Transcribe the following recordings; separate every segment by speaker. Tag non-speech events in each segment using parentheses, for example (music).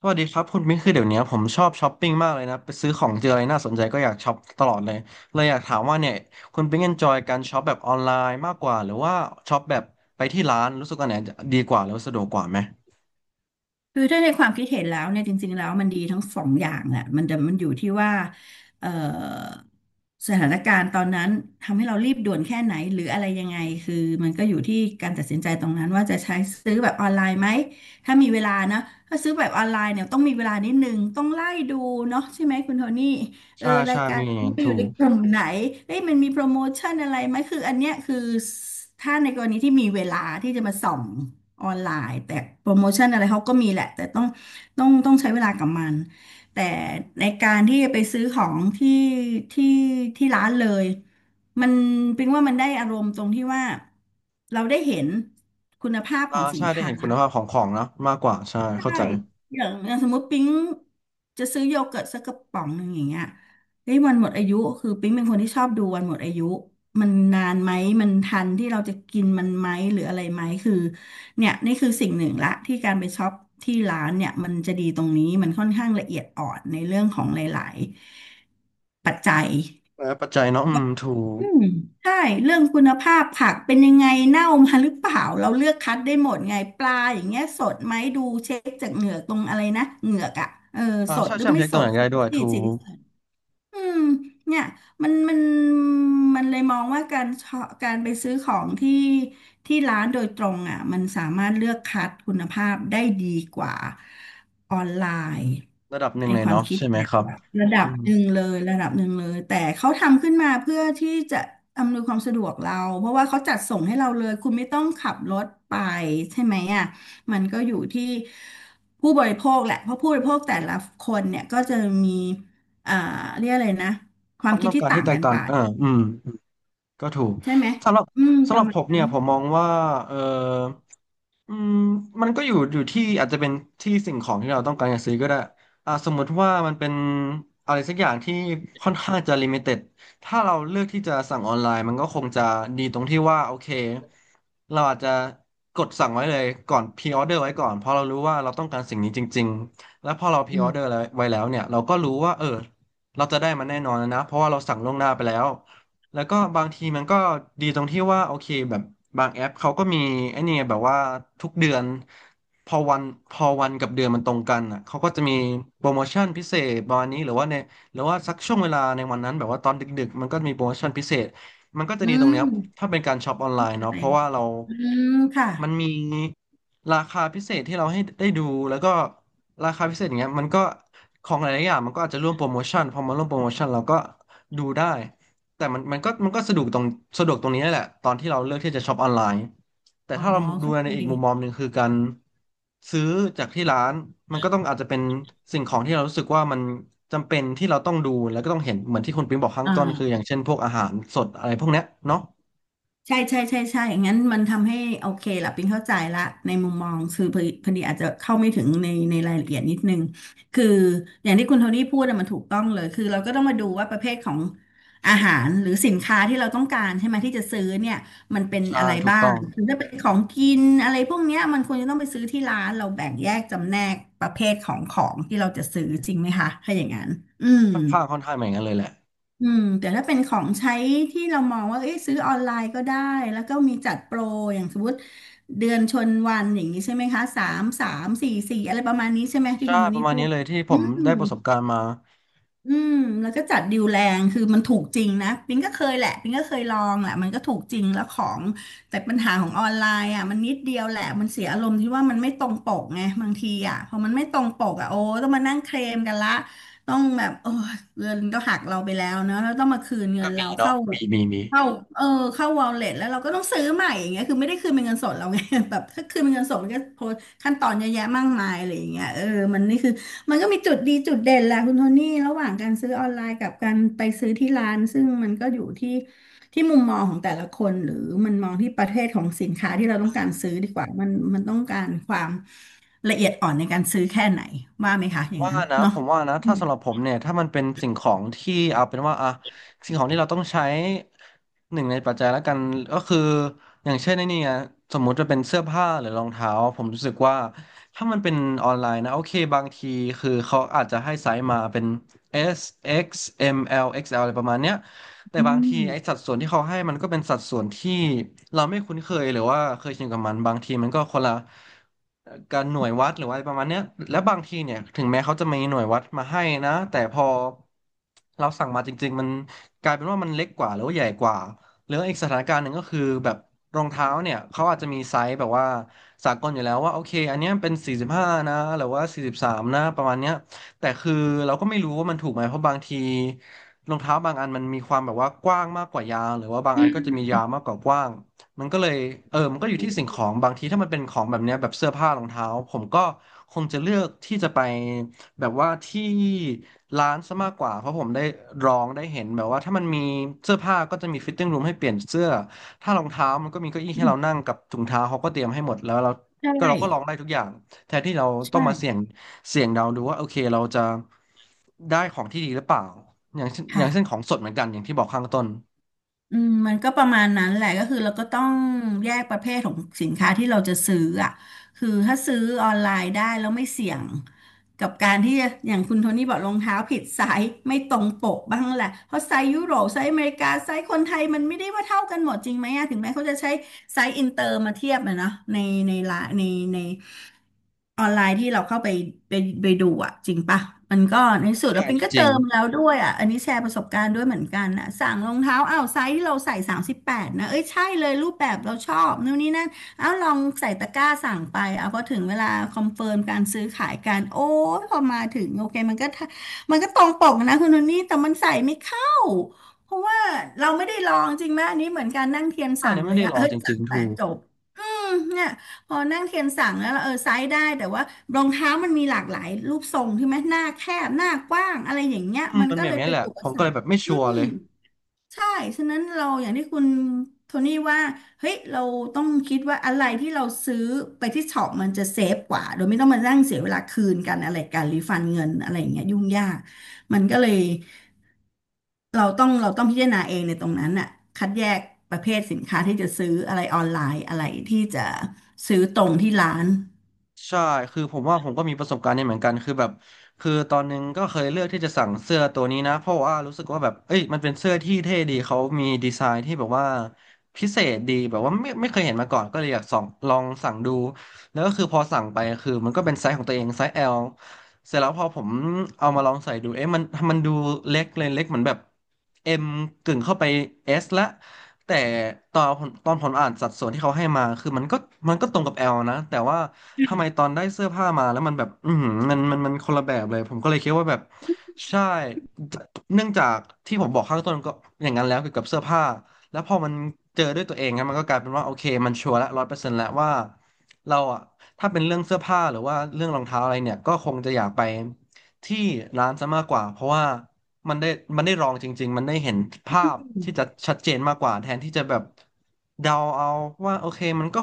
Speaker 1: สวัสดีครับคุณมิ้นคือเดี๋ยวนี้ผมชอบช้อปปิ้งมากเลยนะไปซื้อของเจออะไรน่าสนใจก็อยากช็อปตลอดเลยเลยอยากถามว่าเนี่ยคุณปิ๊งเอนจอยการช็อปแบบออนไลน์มากกว่าหรือว่าช็อปแบบไปที่ร้านรู้สึกอันไหนดีกว่าแล้วาสะดวกกว่าไหม
Speaker 2: คือถ้าในความคิดเห็นแล้วเนี่ยจริงๆแล้วมันดีทั้งสองอย่างแหละมันแต่มันอยู่ที่ว่าเอ่อสถานการณ์ตอนนั้นทำให้เรารีบด่วนแค่ไหนหรืออะไรยังไงคือมันก็อยู่ที่การตัดสินใจตรงนั้นว่าจะใช้ซื้อแบบออนไลน์ไหมถ้ามีเวลานะถ้าซื้อแบบออนไลน์เนี่ยต้องมีเวลานิดนึงต้องไล่ดูเนาะใช่ไหมคุณโทนี่เออ
Speaker 1: ใช่
Speaker 2: รา
Speaker 1: ใช่
Speaker 2: ยกา
Speaker 1: มี
Speaker 2: ร
Speaker 1: อย่าง
Speaker 2: นี้
Speaker 1: นั้น
Speaker 2: อ
Speaker 1: ถู
Speaker 2: ยู่ใน
Speaker 1: ก
Speaker 2: กลุ่มไหนเอ้ยมันมีโปรโมชั่นอะไรไหมคืออันเนี้ยคือถ้าในกรณีที่มีเวลาที่จะมาส่อง ออนไลน์แต่โปรโมชั่นอะไรเขาก็มีแหละแต่ต้องต้องใช้เวลากับมันแต่ในการที่ไปซื้อของที่ที่ที่ร้านเลยมันเป็นว่ามันได้อารมณ์ตรงที่ว่าเราได้เห็นคุณภาพข
Speaker 1: อ่า
Speaker 2: องสิ
Speaker 1: ใช่
Speaker 2: น
Speaker 1: ได้
Speaker 2: ค้า
Speaker 1: เห็นคุณภาพของของเนอะมากกว่าใช่เข้า
Speaker 2: ใช่
Speaker 1: ใจ
Speaker 2: อย่างอย่างสมมติปิ๊งจะซื้อโยเกิร์ตสักกระป๋องหนึ่งอย่างเงี้ยเฮ้ยวันหมดอายุ คือปิ๊งเป็นคนที่ชอบดูวันหมดอายุ มันนานไหมมันทันที่เราจะกินมันไหมหรืออะไรไหมคือเนี่ยนี่คือสิ่งหนึ่งละที่การไปช็อปที่ร้านเนี่ยมันจะดีตรงนี้มันค่อนข้างละเอียดอ่อนในเรื่องของหลายๆปัจจัย
Speaker 1: และปัจจัยเนาะอืมถูก
Speaker 2: อืมใช่เรื่องคุณภาพผักเป็นยังไงเน่ามาหรือเปล่าเราเลือกคัดได้หมดไงปลาอย่างเงี้ยสดไหมดูเช็คจากเหงือกตรงอะไรนะเหงือกอ่ะเออ
Speaker 1: อ่า
Speaker 2: สด
Speaker 1: ใช่
Speaker 2: หรื
Speaker 1: ใช่
Speaker 2: อ
Speaker 1: มัน
Speaker 2: ไม่
Speaker 1: เช็คต
Speaker 2: ส
Speaker 1: รงไห
Speaker 2: ด
Speaker 1: นก็
Speaker 2: สี
Speaker 1: ได้ด้วย
Speaker 2: สี
Speaker 1: ถู
Speaker 2: สี
Speaker 1: ก
Speaker 2: อืมเนี่ยมันมันมันเลยมองว่าการชอการไปซื้อของที่ที่ร้านโดยตรงอ่ะมันสามารถเลือกคัดคุณภาพได้ดีกว่าออนไลน์
Speaker 1: ระดับหนึ่
Speaker 2: ไอ
Speaker 1: งเลย
Speaker 2: ความ
Speaker 1: เนาะ
Speaker 2: คิด
Speaker 1: ใช่ไหม
Speaker 2: เนี่ย
Speaker 1: ครับ
Speaker 2: ระดั
Speaker 1: อื
Speaker 2: บ
Speaker 1: ม
Speaker 2: หนึ่งเลยระดับหนึ่งเลยแต่เขาทำขึ้นมาเพื่อที่จะอำนวยความสะดวกเราเพราะว่าเขาจัดส่งให้เราเลยคุณไม่ต้องขับรถไปใช่ไหมอ่ะมันก็อยู่ที่ผู้บริโภคแหละเพราะผู้บริโภคแต่ละคนเนี่ยก็จะมี อ่าเรียกอะไรนะค
Speaker 1: ค
Speaker 2: วาม
Speaker 1: วาม
Speaker 2: คิ
Speaker 1: ต้
Speaker 2: ด
Speaker 1: อง
Speaker 2: ที่
Speaker 1: การ
Speaker 2: ต่า
Speaker 1: ที่
Speaker 2: ง
Speaker 1: แตก
Speaker 2: กัน
Speaker 1: ต่า
Speaker 2: ไป
Speaker 1: งอ่าอืม ก็ถูก
Speaker 2: ใช่ไหม
Speaker 1: สำหรับ
Speaker 2: อืมป
Speaker 1: สำห
Speaker 2: ระ
Speaker 1: รับ
Speaker 2: มา
Speaker 1: ผ
Speaker 2: ณ
Speaker 1: ม
Speaker 2: นั้
Speaker 1: เนี่
Speaker 2: น
Speaker 1: ยผมมองว่าเอออืมมันก็อยู่ที่อาจจะเป็นที่สิ่งของที่เราต้องการจะซื้อก็ได้อ่าสมมุติว่ามันเป็นอะไรสักอย่างที่ค่อนข้างจะลิมิเต็ดถ้าเราเลือกที่จะสั่งออนไลน์มันก็คงจะดีตรงที่ว่าโอเคเราอาจจะกดสั่งไว้เลยก่อนพรีออเดอร์ไว้ก่อนเพราะเรารู้ว่าเราต้องการสิ่งนี้จริงๆแล้วพอเราพรี
Speaker 2: อื
Speaker 1: ออเดอร์
Speaker 2: ม
Speaker 1: ไว้แล้วเนี่ยเราก็รู้ว่าเออเราจะได้มันแน่นอนนะเพราะว่าเราสั่งล่วงหน้าไปแล้ว แล้วก็บางทีมันก็ดีตรงที่ว่าโอเคแบบบางแอปเขาก็มีไอ้นี่ไงแบบว่าทุกเดือนพอวันพอวันกับเดือนมันตรงกันอ่ะเขาก็จะมีโปรโมชั่นพิเศษประมาณนี้หรือว่าในหรือว่าสักช่วงเวลาในวันนั้นแบบว่าตอนดึกๆมันก็มีโปรโมชั่นพิเศษมันก็จะ
Speaker 2: อื
Speaker 1: ดีตรง
Speaker 2: ม
Speaker 1: เนี้ยถ้าเป็นการช็อปออนไลน์
Speaker 2: ใช่
Speaker 1: เนาะเพราะว่าเรา
Speaker 2: อืมค่ะ
Speaker 1: มันมีราคาพิเศษที่เราให้ได้ดูแล้วก็ราคาพิเศษอย่างเงี้ยมันก็ของหลายๆอย่างมันก็อาจจะร่วมโปรโมชั่นพอมาร่วมโปรโมชั่นเราก็ดูได้ แต่มันก็สะดวกตรงนี้แหละตอนที่เราเลือกที่จะช็อปออนไลน์แต่
Speaker 2: อ๋อ
Speaker 1: ถ้าเราดู
Speaker 2: เข้า
Speaker 1: ใน
Speaker 2: ใจ
Speaker 1: อีกมุมมองหนึ่งคือการซื้อจากที่ร้านมันก็ต้องอาจจะเป็นสิ่งของที่เรารู้สึกว่ามันจำเป็นที่เราต้องดูแล้วก็ต้องเห็นเหมือนที่คุณปิ๊งบอกข้างต้นคืออ
Speaker 2: อ่า
Speaker 1: ย่างเช่นพวกอาหารสดอะไรพวกเนี้ยเนาะ
Speaker 2: ใช่ใช่ใช่ใช่งั้นมันทำให้โอเคละปิงเข้าใจละในมุมมอง คือพอดีพอดีอาจจะเข้าไม่ถึงในรายละเอียดนิดนึงคืออย่างที่คุณโทนี่พูดอะมันถูกต้องเลย คือเราก็ต้องมาดูว่าประเภทของอาหารหรือสินค้าที่เราต้องการใช่ไหมที่จะซื้อเนี่ยมันเป็นอะ
Speaker 1: ใช่
Speaker 2: ไร
Speaker 1: ถูก
Speaker 2: บ้า
Speaker 1: ต้
Speaker 2: ง
Speaker 1: อง
Speaker 2: คือถ้าเป็นของกินอะไรพวกเนี้ยมันควรจะต้องไปซื้อที่ร้านเราแบ่งแยกจำแนกประเภทของของที่เราจะซื้อจริงไหมคะถ้าอย่างนั้นอืม
Speaker 1: ค่อนข้างเหมือนกันเลยแหละ
Speaker 2: อืมแต่ถ้าเป็นของใช้ที่เรามองว่าเอ้ยซื้อออนไลน์ก็ได้แล้วก็มีจัดโปรอย่างสมมติเดือนชนวันอย่างนี้ใช่ไหมคะสามสามสี่สี่อะไรประมาณนี้ใช่ไหมที่
Speaker 1: ใช่
Speaker 2: คุณโท
Speaker 1: ป
Speaker 2: นี่
Speaker 1: ระมาณ
Speaker 2: พู
Speaker 1: นี้
Speaker 2: ด
Speaker 1: เลยที่ผ
Speaker 2: อื
Speaker 1: ม
Speaker 2: ม
Speaker 1: ได้ประสบการณ์มา
Speaker 2: อืมแล้วก็จัดดิวแรงคือมันถูกจริงนะปิงก็เคยแหละปิงก็เคยลองแหละมันก็ถูกจริงแล้วของแต่ปัญหาของออนไลน์อ่ะมันนิดเดียวแหละมันเสียอารมณ์ที่ว่ามันไม่ตรงปกไงบางทีอ่ะพอมันไม่ตรงปกอ่ะโอ้ต้องมานั่งเคลมกันละต้องแบบโอ้ยเงินก็หักเราไปแล้วเนอะแล้วต้องมาคืนเงิ
Speaker 1: ก็
Speaker 2: น
Speaker 1: มี
Speaker 2: เรา
Speaker 1: เนาะ
Speaker 2: เข้า
Speaker 1: มีมีมี
Speaker 2: เข้าเออเข้าวอลเล็ตแล้วเราก็ต้องซื้อใหม่อย่างเงี้ยคือไม่ได้คืนเป็นเงินสดเราไง (laughs) แบบถ้าคืนเป็นเงินสดมันก็โพสต์ขั้นตอนเยอะแยะมากมายอะไรอย่างเงี้ยเออมันนี่คือ มันก็มีจุดดีจุดเด่นแหละคุณโทนี่ระหว่างการซื้อออนไลน์กับการไปซื้อที่ร้านซึ่งมันก็อยู่ที่มุมมองของแต่ละคนหรือมันมองที่ประเภทของสินค้าที่เราต้องการซื้อดีกว่ามันต้องการความละเอียดอ่อนในการซื้อแค่ไหนว่าไหมคะอย่าง
Speaker 1: ว่า
Speaker 2: นั้น
Speaker 1: นะผ
Speaker 2: เนาะ
Speaker 1: มว่านะ
Speaker 2: อื
Speaker 1: ถ้า
Speaker 2: ม
Speaker 1: สำหรับผมเนี่ยถ้ามันเป็นสิ่งของที่เอาเป็นว่าอะสิ่งของที่เราต้องใช้หนึ่งในปัจจัยแล้วกันก็คืออย่างเช่นในนี่ไงสมมุติจะเป็นเสื้อผ้าหรือรองเท้าผมรู้สึกว่าถ้ามันเป็นออนไลน์นะโอเคบางทีคือเขาอาจจะให้ไซส์มาเป็น S X M L X L อะไรประมาณเนี้ย แต่บางทีไอ้สัดส่วนที่เขาให้มันก็เป็นสัดส่วนที่เราไม่คุ้นเคยหรือว่าเคยชินกับมันบางทีมันก็คนละการหน่วยวัดหรือว่าอะไรประมาณเนี้ยและบางทีเนี่ยถึงแม้เขาจะมีหน่วยวัดมาให้นะแต่พอเราสั่งมาจริงๆมันกลายเป็นว่ามันเล็กกว่าหรือว่าใหญ่กว่าหรืออีกสถานการณ์หนึ่งก็คือแบบรองเท้าเนี่ยเขาอาจจะมีไซส์แบบว่าสากลอยู่แล้วว่าโอเคอันเนี้ยเป็น45นะหรือว่า43นะประมาณเนี้ย แต่คือเราก็ไม่รู้ว่ามันถูกไหมเพราะบางทีรองเท้าบางอันมันมีความแบบว่ากว้างมากกว่ายางหรือว่าบางอันก็จะมียาวมากกว่ากว้างมันก็เลยเออมันก็อยู่ที่สิ่งของบางทีถ้ามันเป็นของแบบเนี้ยแบบเสื้อผ้ารองเท้าผมก็คงจะเลือกที่จะไปแบบว่าที่ร้านซะมากกว่าเพราะผมได้ลองได้เห็นแบบว่าถ้ามันมีเสื้อผ้าก็จะมีฟิตติ้งรูมให้เปลี่ยนเสื้อถ้ารองเท้ามันก็มีเก้าอี้ให้เรานั่งกับถุงเท้าเขาก็เตรียมให้หมดแล้วเรา
Speaker 2: ใช่
Speaker 1: ก็เราก็ลองได้ทุกอย่าง แทนที่เราต้องมาเสี่ย
Speaker 2: ใช่
Speaker 1: งเสี่ยงเดาดูว่าโอเคเราจะได้ของที่ดีหรือเปล่าอย่างเช่นข
Speaker 2: ค่ะ
Speaker 1: องสดเหมือนกันอย่างที่บอกข้างต้น
Speaker 2: อืมมันก็ประมาณนั้นแหละก็คือเราก็ต้องแยกประเภทของสินค้าที่เราจะซื้ออ่ะคือถ้าซื้อออนไลน์ได้แล้วไม่เสี่ยงกับการที่จะอย่างคุณโทนี่บอกรองเท้าผิดไซส์ไม่ตรงปกบ้างแหละเพราะไซส์ยุโรปไซส์อเมริกาไซส์คนไทยมันไม่ได้ว่าเท่ากันหมดจริงไหมอะถึงแม้เขาจะใช้ไซส์อินเตอร์มาเทียบนะเนาะในละใน ออนไลน์ที่เราเข้าไปไปไปดูอ่ะจริงปะมันก็ในสุด
Speaker 1: ใช่
Speaker 2: แล้ว
Speaker 1: อัน
Speaker 2: เป็น
Speaker 1: นี้
Speaker 2: ก็
Speaker 1: จริ
Speaker 2: เติ
Speaker 1: ง
Speaker 2: มแล้วด้วยอ่ะอันนี้แชร์ประสบการณ์ด้วยเหมือนกันนะสั่งรองเท้าอ้าวไซส์ที่เราใส่38นะเอ้ยใช่เลยรูปแบบเราชอบนู่นนี่นั่นอ้าวลองใส่ตะกร้าสั่งไปเอาพอถึงเวลาคอนเฟิร์มการซื้อขายกันโอ้ยพอมาถึงโอเคมันก็ตรงปกนะคุณโทนี่แต่มันใส่ไม่เข้าเพราะว่าเราไม่ได้ลองจริงไหมอันนี้เหมือนการนั่งเทียน
Speaker 1: อัน
Speaker 2: สั่ง
Speaker 1: นี้
Speaker 2: เล
Speaker 1: ไม่
Speaker 2: ย
Speaker 1: ได้
Speaker 2: อะ
Speaker 1: ลอ
Speaker 2: เอ้
Speaker 1: ง
Speaker 2: ย
Speaker 1: จริ
Speaker 2: สั่
Speaker 1: ง
Speaker 2: ง
Speaker 1: ๆ
Speaker 2: แต่
Speaker 1: ถูก
Speaker 2: จบ เนี่ยพอนั่งเทียนสั่งแล้วเราเออไซส์ได้แต่ว่ารองเท้ามันมีหลากหลายรูปทรงใช่ไหมหน้าแคบหน้ากว้างอะไรอย่างเงี้ย
Speaker 1: อืม
Speaker 2: มัน
Speaker 1: มัน
Speaker 2: ก็
Speaker 1: แบ
Speaker 2: เล
Speaker 1: บ
Speaker 2: ย
Speaker 1: นี้
Speaker 2: เป็น
Speaker 1: แหละ
Speaker 2: อุป
Speaker 1: ผม
Speaker 2: ส
Speaker 1: ก็
Speaker 2: ร
Speaker 1: เลย
Speaker 2: รค
Speaker 1: แบบไม่
Speaker 2: อื
Speaker 1: ชัวร์เล
Speaker 2: ม
Speaker 1: ย
Speaker 2: ใช่ฉะนั้นเราอย่างที่คุณโทนี่ว่าเฮ้ยเราต้องคิดว่าอะไรที่เราซื้อไปที่ช็อปมันจะเซฟกว่าโดยไม่ต้องมานั่งเสียเวลาคืนกันอะไรการรีฟันเงินอะไรอย่างเงี้ยยุ่งยากมันก็เลย เราต้องพิจารณาเองในตรงนั้นน่ะคัดแยกประเภทสินค้าที่จะซื้ออะไรออนไลน์อะไรที่จะซื้อตรงที่ร้าน
Speaker 1: ใช่คือผมว่าผมก็มีประสบการณ์นี้เหมือนกันคือแบบคือตอนนึงก็เคยเลือกที่จะสั่งเสื้อตัวนี้นะเพราะว่ารู้สึกว่าแบบเอ้ยมันเป็นเสื้อที่เท่ดี เขามีดีไซน์ที่แบบว่าพิเศษดีแบบว่าไม่เคยเห็นมาก่อนก็เลยอยากส่องลองสั่งดู แล้วก็คือพอสั่งไปคือมันก็เป็นไซส์ของตัวเองไซส์ L เสร็จแล้วพอผมเอามาลองใส่ดูเอ๊ะมันดูเล็กเลยเล็กเหมือนแบบ M กึ่งเข้าไป S ละแต่ตอนผมอ่านสัดส่วนที่เขาให้มา คือมันก็ตรงกับ L นะ แต่ว่าทำไมตอนได้เสื้อผ้ามาแล้วมันแบบอือหือมันคนละแบบเลย ผมก็เลยคิดว่าแบบใช่ เนื่องจากที่ผมบอกข้างต้นก็อย่างนั้นแล้วเกี่ยวกับเสื้อผ้า แล้วพอมันเจอด้วยตัวเองครับมันก็กลายเป็นว่าโอเคมันชัวร์ละ100%แล้วว่าเราอะถ้าเป็นเรื่องเสื้อผ้าหรือว่าเรื่องรองเท้าอะไรเนี่ยก็คงจะอยากไปที่ร้านซะมากกว่าเพราะว่ามันได้มันได้ลองจริงๆมันได้เห็นภาพที่จะชัดเจนมากกว่าแทนที่จะแบบเดาเอาว่าโอเคมันก็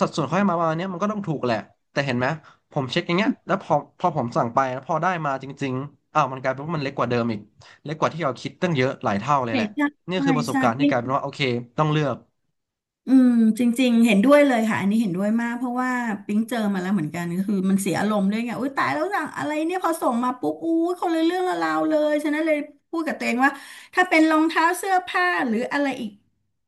Speaker 1: สัดส่วนเขาให้มาประมาณเนี้ยมันก็ต้องถูกแหละแต่เห็นไหมผมเช็คอย่างเงี้ยแล้วพอผมสั่งไปแล้วพอได้มาจริงๆอ้าวมันกลายเป็นว่ามันเล็กกว่าเดิมอีกเล็กกว่าที่เราคิดตั้งเยอะหลายเท่าเลย
Speaker 2: ใช่
Speaker 1: แหละ
Speaker 2: ใช่
Speaker 1: นี่
Speaker 2: ใช่
Speaker 1: คือประสบ
Speaker 2: ใช่
Speaker 1: การณ์ที่กลาย
Speaker 2: ใช่
Speaker 1: เป็นว่าโอเคต้องเลือก
Speaker 2: อืมจริงๆเห็นด้วยเลยค่ะอันนี้เห็นด้วยมากเพราะว่าปิ๊งเจอมาแล้วเหมือนกันก็คือมันเสียอารมณ์ด้วยไงอุ้ยตายแล้วสั่งอะไรเนี่ยพอส่งมาปุ๊บอุ้ยคนละเรื่องละราวเลยฉะนั้นเลยพูดกับตัวเองว่าถ้าเป็นรองเท้าเสื้อผ้าหรืออะไรอีก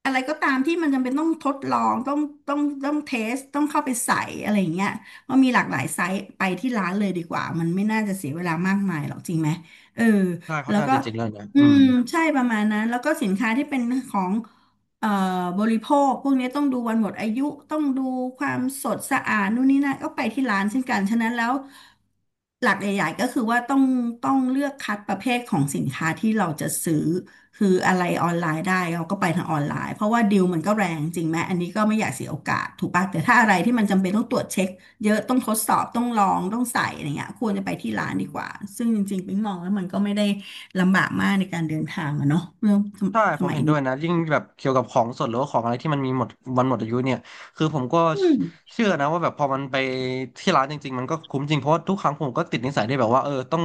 Speaker 2: อะไรก็ตามที่มันจำเป็นต้องทดลองต้องเทสต้องเข้าไปใส่อะไรอย่างเงี้ยเพรมีหลากหลายไซส์ไปที่ร้านเลยดีกว่ามันไม่น่าจะเสียเวลามากมายหรอกจริงไหมเออ
Speaker 1: ใช่ค่อ
Speaker 2: แล้
Speaker 1: น
Speaker 2: ว
Speaker 1: ข้าง
Speaker 2: ก็
Speaker 1: จะเจ๋งแล้วนะ
Speaker 2: อื
Speaker 1: อืม
Speaker 2: มใช่ประมาณนั้นแล้วก็สินค้าที่เป็นของ เอ่อบริโภคพวกนี้ต้องดูวันหมดอายุต้องดูความสดสะอาดนู่นนี่นั่นก็ไปที่ร้านเช่นกันฉะนั้นแล้วหลักใหญ่ๆก็คือว่าต้องเลือกคัดประเภทของสินค้าที่เราจะซื้อคืออะไรออนไลน์ได้เราก็ไปทางออนไลน์เพราะว่าดีลมันก็แรงจริงไหมอันนี้ก็ไม่อยากเสียโอกาสถูกป่ะแต่ถ้าอะไรที่มันจำเป็นต้องตรวจเช็คเยอะต้องทดสอบต้องลองต้องใส่อะไรเงี้ยควรจะไปที่ร้านดีกว่าซึ่งจริงๆปิ๊งมองแล้วมันก็ไม่ได้ลำบากมากในการเดินทางอะเนาะเรื่อง
Speaker 1: ใช่
Speaker 2: ส
Speaker 1: ผม
Speaker 2: มัย
Speaker 1: เห็นด้ว
Speaker 2: นี้
Speaker 1: ยนะ ยิ่งแบบเกี่ยวกับของสดหรือว่าของอะไรที่มันมีหมดวันหมดอายุเนี่ยคือผมก็
Speaker 2: อืม
Speaker 1: เชื่อนะว่าแบบพอมันไปที่ร้านจริงๆมันก็คุ้มจริง เพราะว่าทุกครั้งผมก็ติดนิสัยที่แบบว่าเออต้อง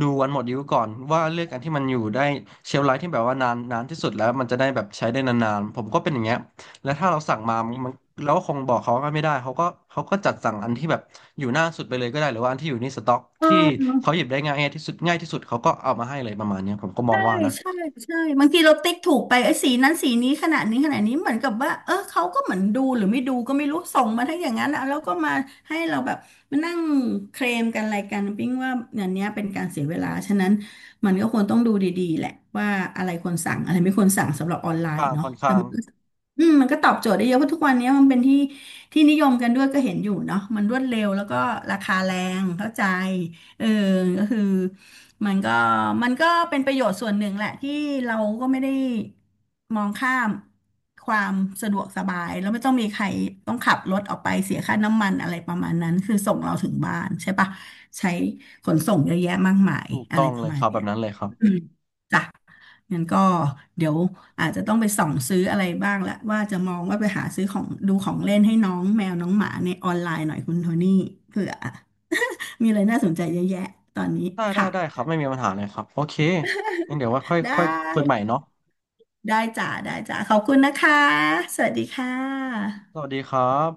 Speaker 1: ดูวันหมดอายุก่อนว่าเลือกอันที่มันอยู่ได้เชลฟ์ไลฟ์ที่แบบว่านานนานที่สุดแล้วมันจะได้แบบใช้ได้นานๆ ผมก็เป็นอย่างเงี้ยและถ้าเราสั่งมามันเราก็คงบอกเขาก็ไม่ได้เขาก็จัดสั่งอันที่แบบอยู่หน้าสุดไปเลยก็ได้หรือว่าอันที่อยู่ในสต็อกที่เขาหยิบได้ง่ายที่สุดเขาก็เอามาให้เลยประมาณเนี้ยผมก็มอง
Speaker 2: ใช่
Speaker 1: ว่านะ
Speaker 2: ใช่ใช่บางทีเราติ๊กถูกไปไอ้ยสีนั้นสีนี้ขนาดนี้ขนาดนี้เหมือนกับว่าเออเขาก็เหมือนดูหรือไม่ดูก็ไม่รู้ส่งมาทั้งอย่างนั้นอะแล้วก็มาให้เราแบบมานั่งเคลมกันอะไรกันปิ๊งว่าอย่างเนี้ยเป็นการเสียเวลาฉะนั้นมันก็ควรต้องดูดีๆแหละว่าอะไรควรสั่งอะไรไม่ควรสั่งสำหรับออนไล
Speaker 1: ค่อน
Speaker 2: น์
Speaker 1: ข้าง
Speaker 2: เนาะ
Speaker 1: ค่อน
Speaker 2: แต่
Speaker 1: ข้าง
Speaker 2: อืมมันก็ตอบโจทย์ได้เยอะเพราะทุกวันนี้มันเป็นที่ที่นิยมกันด้วยก็เห็นอยู่เนาะมันรวดเร็วแล้วก็ราคาแรงเข้าใจเออก็คือมันก็มันก็เป็นประโยชน์ส่วนหนึ่งแหละที่เราก็ไม่ได้มองข้ามความสะดวกสบายแล้วไม่ต้องมีใครต้องขับรถออกไปเสียค่าน้ำมันอะไรประมาณนั้นคือส่งเราถึงบ้านใช่ปะใช้ขนส่งเยอะแยะมากมาย
Speaker 1: ถูก
Speaker 2: อะ
Speaker 1: ต้อ
Speaker 2: ไร
Speaker 1: ง
Speaker 2: ป
Speaker 1: เล
Speaker 2: ระ
Speaker 1: ย
Speaker 2: มา
Speaker 1: ค
Speaker 2: ณ
Speaker 1: รับแบ
Speaker 2: เนี้ย
Speaker 1: บนั้นเลยครับ
Speaker 2: อืมจ้ะงั้นก็เดี๋ยวอาจจะต้องไปส่องซื้ออะไรบ้างละว่าจะมองว่าไปหาซื้อของดูของเล่นให้น้องแมวน้องหมาในออนไลน์หน่อยคุณโทนี่เผื่อมีอะไรน่าสนใจเยอะแยะตอนนี้
Speaker 1: ได้ได้
Speaker 2: ค่ะ
Speaker 1: ได้ครับไม่มีปัญหาเลยครับโอเคงั้นเดี๋ยวว่าค่อย
Speaker 2: ได้
Speaker 1: ค่อยคุยใหม่เนาะ
Speaker 2: ได้จ้ะได้จ้ะขอบคุณนะคะสวัสดีค่
Speaker 1: ส
Speaker 2: ะ
Speaker 1: วัสดีครับ